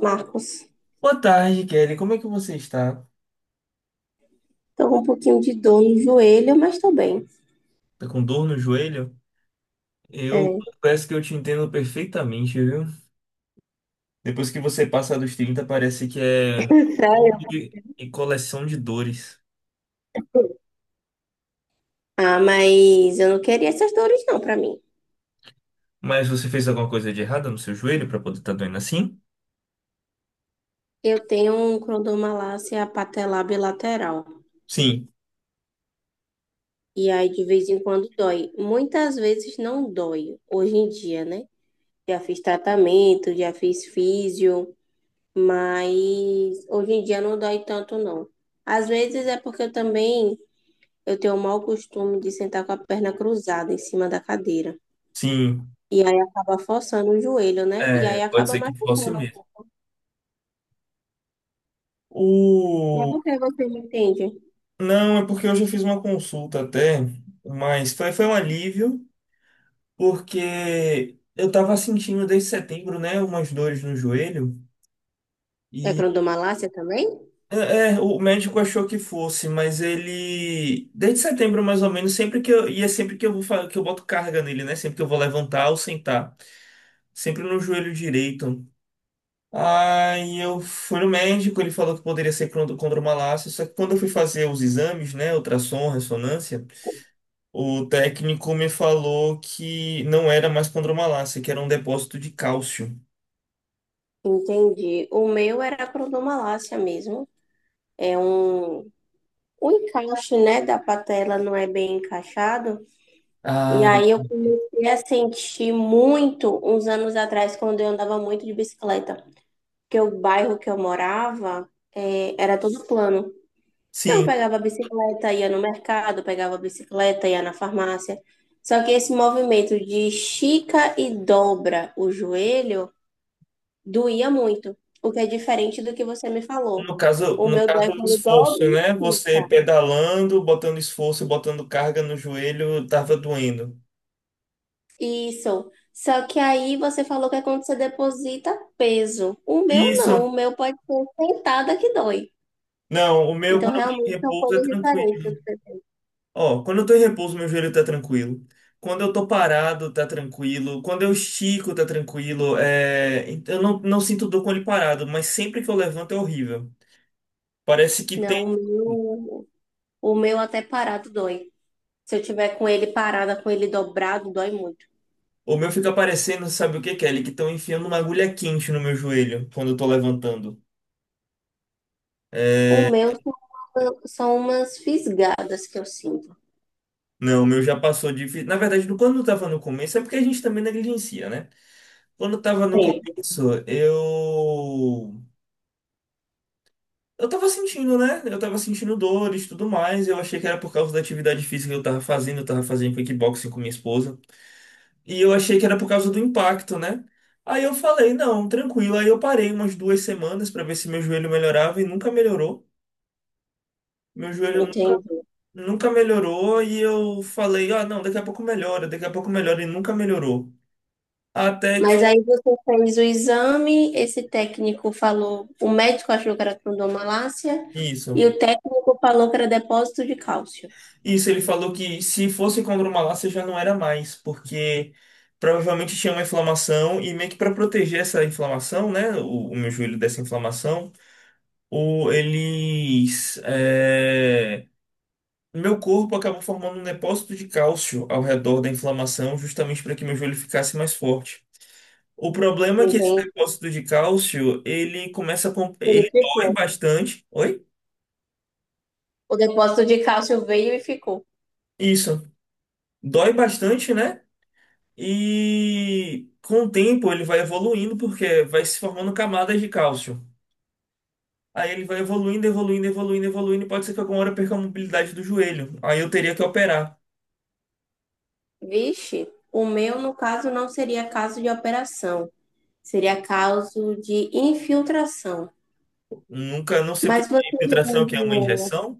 Marcos. Boa tarde, Kelly. Como é que você está? Tô com um pouquinho de dor no joelho, mas tô bem. Tá com dor no joelho? Eu É. confesso que eu te entendo perfeitamente, viu? Depois que você passa dos 30 parece que é Sério? combo e coleção de dores. Ah, mas eu não queria essas dores não pra mim. Mas você fez alguma coisa de errada no seu joelho para poder estar doendo assim? Eu tenho um cronomalácia patelar bilateral. Sim, E aí, de vez em quando, dói. Muitas vezes não dói, hoje em dia, né? Já fiz tratamento, já fiz físio, mas hoje em dia não dói tanto, não. Às vezes é porque eu tenho o mau costume de sentar com a perna cruzada em cima da cadeira. sim. E aí acaba forçando o joelho, né? E É, aí pode acaba ser que fosse machucando. mesmo. Mas O... por que você não entende? Não, é porque eu já fiz uma consulta até, mas foi um alívio, porque eu tava sentindo desde setembro, né, umas dores no joelho. É E crondomalácia também? é, é, o médico achou que fosse, mas ele, desde setembro mais ou menos, sempre que eu, e é sempre que eu vou, que eu boto carga nele, né? Sempre que eu vou levantar ou sentar, sempre no joelho direito. Aí eu fui no médico, ele falou que poderia ser condromalácia, só que quando eu fui fazer os exames, né, ultrassom, ressonância, o técnico me falou que não era mais condromalácia, que era um depósito de cálcio. Entendi. O meu era crondomalácia mesmo. É um, o encaixe, né, da patela não é bem encaixado. E Ah, aí eu comecei a sentir muito uns anos atrás, quando eu andava muito de bicicleta. Porque o bairro que eu morava, era todo plano. Então, eu sim. pegava a bicicleta, ia no mercado, pegava a bicicleta, ia na farmácia. Só que esse movimento de estica e dobra o joelho doía muito, o que é diferente do que você me falou. No caso, O no meu caso dói do quando esforço, dobra e né? Você estica. pedalando, botando esforço, botando carga no joelho, tava doendo. Isso. Só que aí você falou que é quando você deposita peso. O meu não, Isso. o meu pode ser sentada que dói. Não, o meu Então, quando eu tô em realmente são repouso é coisas diferentes. tranquilo. Ó, quando eu tô em repouso, meu joelho tá tranquilo. Quando eu tô parado, tá tranquilo. Quando eu estico, tá tranquilo. É, eu não sinto dor com ele parado, mas sempre que eu levanto é horrível. Parece que Não, o tem. meu, o meu até parado dói. Se eu tiver com ele parada, com ele dobrado, dói muito. O meu fica parecendo, sabe o que, Kelly? Que estão enfiando uma agulha quente no meu joelho quando eu tô levantando. O meu são, são umas fisgadas que eu sinto. Não, o meu já passou de. Na verdade, quando eu tava no começo, é porque a gente também negligencia, né? Quando eu tava no Sempre, começo, eu. Eu tava sentindo, né? Eu tava sentindo dores e tudo mais. Eu achei que era por causa da atividade física que eu tava fazendo. Eu tava fazendo kickboxing com minha esposa. E eu achei que era por causa do impacto, né? Aí eu falei, não, tranquilo. Aí eu parei umas 2 semanas pra ver se meu joelho melhorava e nunca melhorou. Meu joelho entendi. nunca melhorou. E eu falei, ah, não, daqui a pouco melhora, daqui a pouco melhora e nunca melhorou. Até Mas que aí você fez o exame, esse técnico falou, o médico achou que era trondomalácia e isso. o técnico falou que era depósito de cálcio. Isso, ele falou que se fosse condromalácia já não era mais, porque provavelmente tinha uma inflamação e meio que para proteger essa inflamação, né, o meu joelho dessa inflamação, o, eles, é, meu corpo acabou formando um depósito de cálcio ao redor da inflamação, justamente para que meu joelho ficasse mais forte. O problema é que esse Entendi. depósito de cálcio, ele começa Ele ele dói ficou. bastante. Oi? O depósito de cálcio veio e ficou. Isso. Dói bastante, né? E com o tempo ele vai evoluindo porque vai se formando camadas de cálcio. Aí ele vai evoluindo, evoluindo, evoluindo, evoluindo. E pode ser que alguma hora eu perca a mobilidade do joelho. Aí eu teria que operar. Vixe, o meu, no caso, não seria caso de operação, seria caso de infiltração. Nunca, não sei o que Mas que é você já infiltração, o que é uma viu. injeção.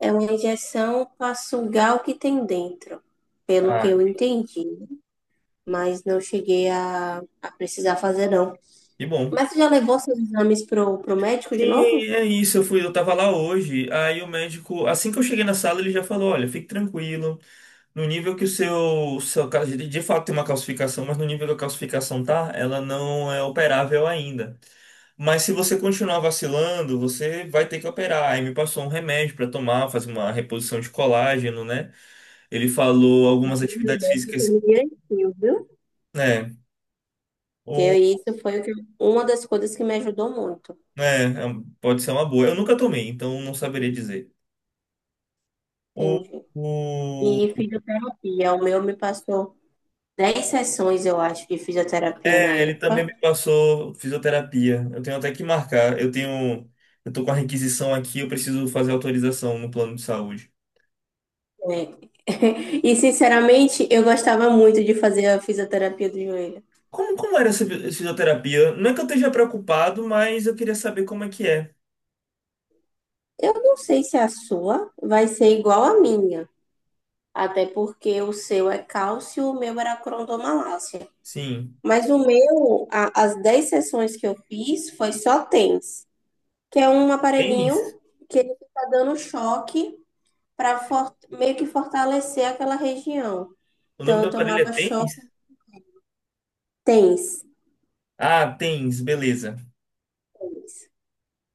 É uma injeção para sugar o que tem dentro, pelo que Ah, eu entendi. Mas não cheguei a precisar fazer, não. que bom. Mas você já levou seus exames pro médico de Sim, novo? é isso. Eu fui, eu tava lá hoje. Aí o médico, assim que eu cheguei na sala, ele já falou: olha, fique tranquilo. No nível que o seu de fato tem uma calcificação, mas no nível que a calcificação tá, ela não é operável ainda. Mas se você continuar vacilando, você vai ter que operar. Aí me passou um remédio para tomar, fazer uma reposição de colágeno, né? Ele falou O algumas atividades remédio físicas, foi direitinho, viu? né? Porque O, isso foi o que- Uma das coisas que me ajudou muito. né, é pode ser uma boa. Eu nunca tomei, então não saberia dizer. O, Entendi. o, E fisioterapia. O meu me passou 10 sessões, eu acho, de fisioterapia na é, ele também época. me passou fisioterapia. Eu tenho até que marcar. Eu tenho, eu tô com a requisição aqui, eu preciso fazer autorização no plano de saúde. É. E, sinceramente, eu gostava muito de fazer a fisioterapia do joelho. Como era essa fisioterapia? Não é que eu esteja preocupado, mas eu queria saber como é que é. Eu não sei se a sua vai ser igual à minha, até porque o seu é cálcio, o meu era crondomalácia. Sim. Mas o meu, as 10 sessões que eu fiz foi só TENS, que é um Tênis? aparelhinho que ele fica dando choque para meio que fortalecer aquela região. O nome Então do eu aparelho é tomava tênis? choque TENS. Ah, tênis, beleza. TENS.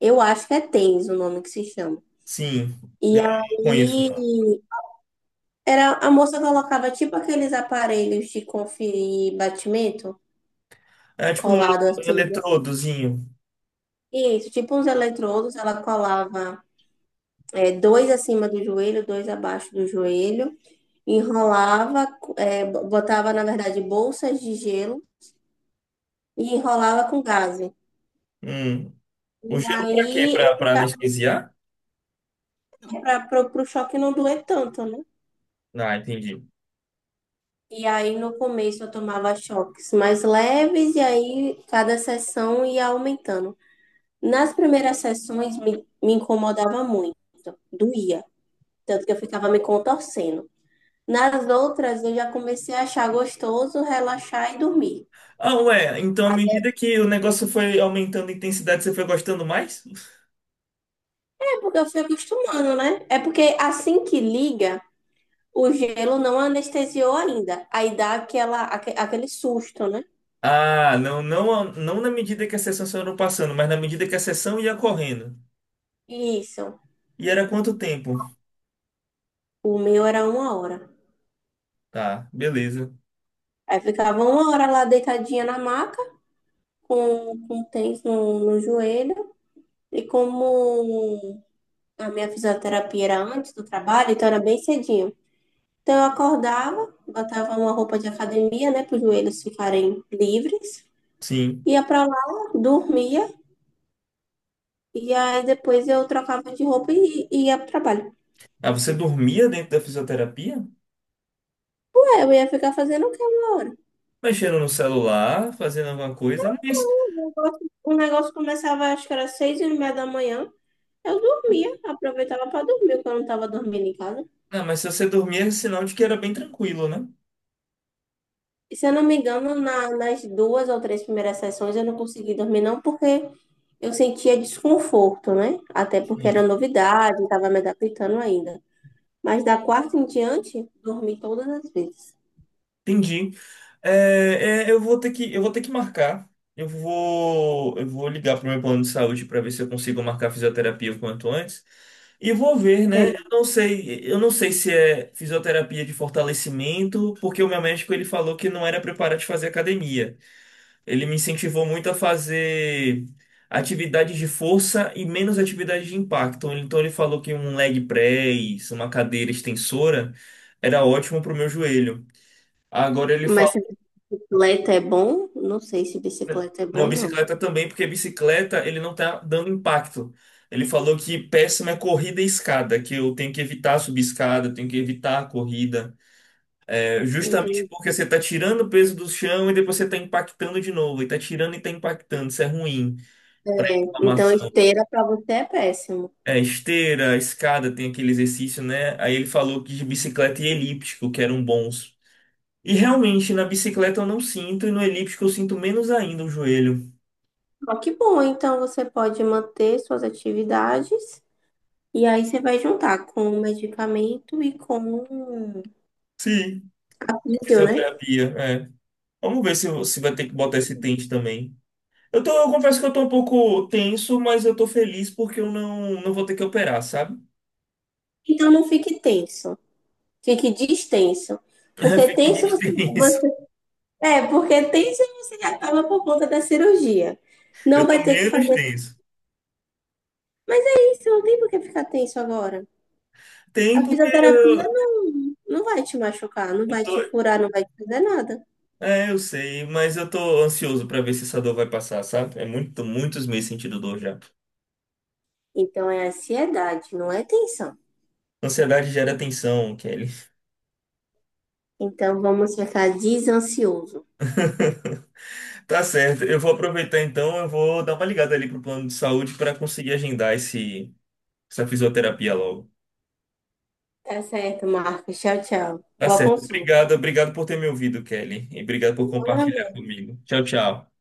Eu acho que é TENS o nome que se chama. Sim, E eu não conheço, não. aí era a moça colocava tipo aqueles aparelhos de conferir batimento, É tipo colado um assim, né? eletrodozinho. Isso, tipo uns eletrodos, ela colava, é, dois acima do joelho, dois abaixo do joelho, enrolava, é, botava, na verdade, bolsas de gelo e enrolava com gaze. Hum. O gelo pra quê? Aí eu Pra anestesiar? ficava para o choque não doer tanto, né? Ah, entendi. E aí no começo eu tomava choques mais leves e aí cada sessão ia aumentando. Nas primeiras sessões me incomodava muito, doía, tanto que eu ficava me contorcendo. Nas outras, eu já comecei a achar gostoso, relaxar e dormir. Ah, ué, então à Até medida que o negócio foi aumentando a intensidade, você foi gostando mais? é porque eu fui acostumando, né? É porque assim que liga, o gelo não anestesiou ainda. Aí dá aquele susto, né? Ah, não na medida que a sessão foram passando, mas na medida que a sessão ia correndo. Isso. E era quanto tempo? O meu era 1 hora. Tá, beleza. Aí ficava 1 hora lá deitadinha na maca, com tens no joelho. E como a minha fisioterapia era antes do trabalho, então era bem cedinho. Então, eu acordava, botava uma roupa de academia, né, para os joelhos ficarem livres, Sim. ia para lá, dormia, e aí depois eu trocava de roupa e ia para o trabalho. Ah, você dormia dentro da fisioterapia? Ué, eu ia ficar fazendo o quê 1 hora? Mexendo no celular, fazendo alguma coisa, mas, O negócio começava, acho que era 6:30 da manhã, eu dormia, aproveitava para dormir, porque eu não estava dormindo em casa. não, mas se você dormir é sinal de que era bem tranquilo, né? E se eu não me engano, nas duas ou três primeiras sessões eu não consegui dormir, não, porque eu sentia desconforto, né? Até porque era Sim. novidade, estava me adaptando ainda. Mas da quarta em diante, dormi todas as vezes. Entendi. É, eu vou ter eu vou ter que marcar. Eu vou ligar pro meu plano de saúde para ver se eu consigo marcar fisioterapia o quanto antes. E vou ver, né? É. Eu não eu não sei se é fisioterapia de fortalecimento, porque o meu médico ele falou que não era preparado de fazer academia. Ele me incentivou muito a fazer atividades de força e menos atividades de impacto. Então ele falou que um leg press, uma cadeira extensora, era ótimo para o meu joelho. Agora ele Mas falou, se bicicleta é bom, não sei se bicicleta é não, bom, não. bicicleta também, porque bicicleta ele não tá dando impacto. Ele falou que péssima é corrida e escada, que eu tenho que evitar subir escada, eu tenho que evitar a corrida. É, justamente Entendi. porque você tá tirando o peso do chão e depois você tá impactando de novo, e tá tirando e tá impactando, isso é ruim para É, então, inflamação. esteira para você é péssimo. É, esteira, escada, tem aquele exercício, né? Aí ele falou que de bicicleta e elíptico, que eram bons. E realmente, na bicicleta eu não sinto, e no elíptico eu sinto menos ainda o joelho. Só que bom, então você pode manter suas atividades e aí você vai juntar com o medicamento e com Sim. a Em vídeo, né? Fisioterapia, é. Vamos ver se, se vai ter que botar esse tente também. Eu confesso que eu tô um pouco tenso, mas eu tô feliz porque eu não vou ter que operar, sabe? Então não fique tenso, fique distenso. Porque tenso Fiquei você, tenso. você- é, porque tenso você acaba por conta da cirurgia. Não Eu vai tô ter que menos fazer. tenso. Mas é isso, não tem por que ficar tenso agora. A Tem porque fisioterapia não, não vai te machucar, não vai tô, te furar, não vai te fazer nada. é, eu sei, mas eu tô ansioso pra ver se essa dor vai passar, sabe? É muitos meses sentindo dor já. Então é ansiedade, não é tensão. Ansiedade gera tensão, Kelly. Então vamos ficar desansioso. Tá certo. Eu vou aproveitar então, eu vou dar uma ligada ali pro plano de saúde pra conseguir agendar esse essa fisioterapia logo. Tá certo, Marcos. Tchau, tchau. Tá Boa certo. consulta. Obrigado, obrigado por ter me ouvido, Kelly, e obrigado por Boa compartilhar noite. comigo. Tchau, tchau.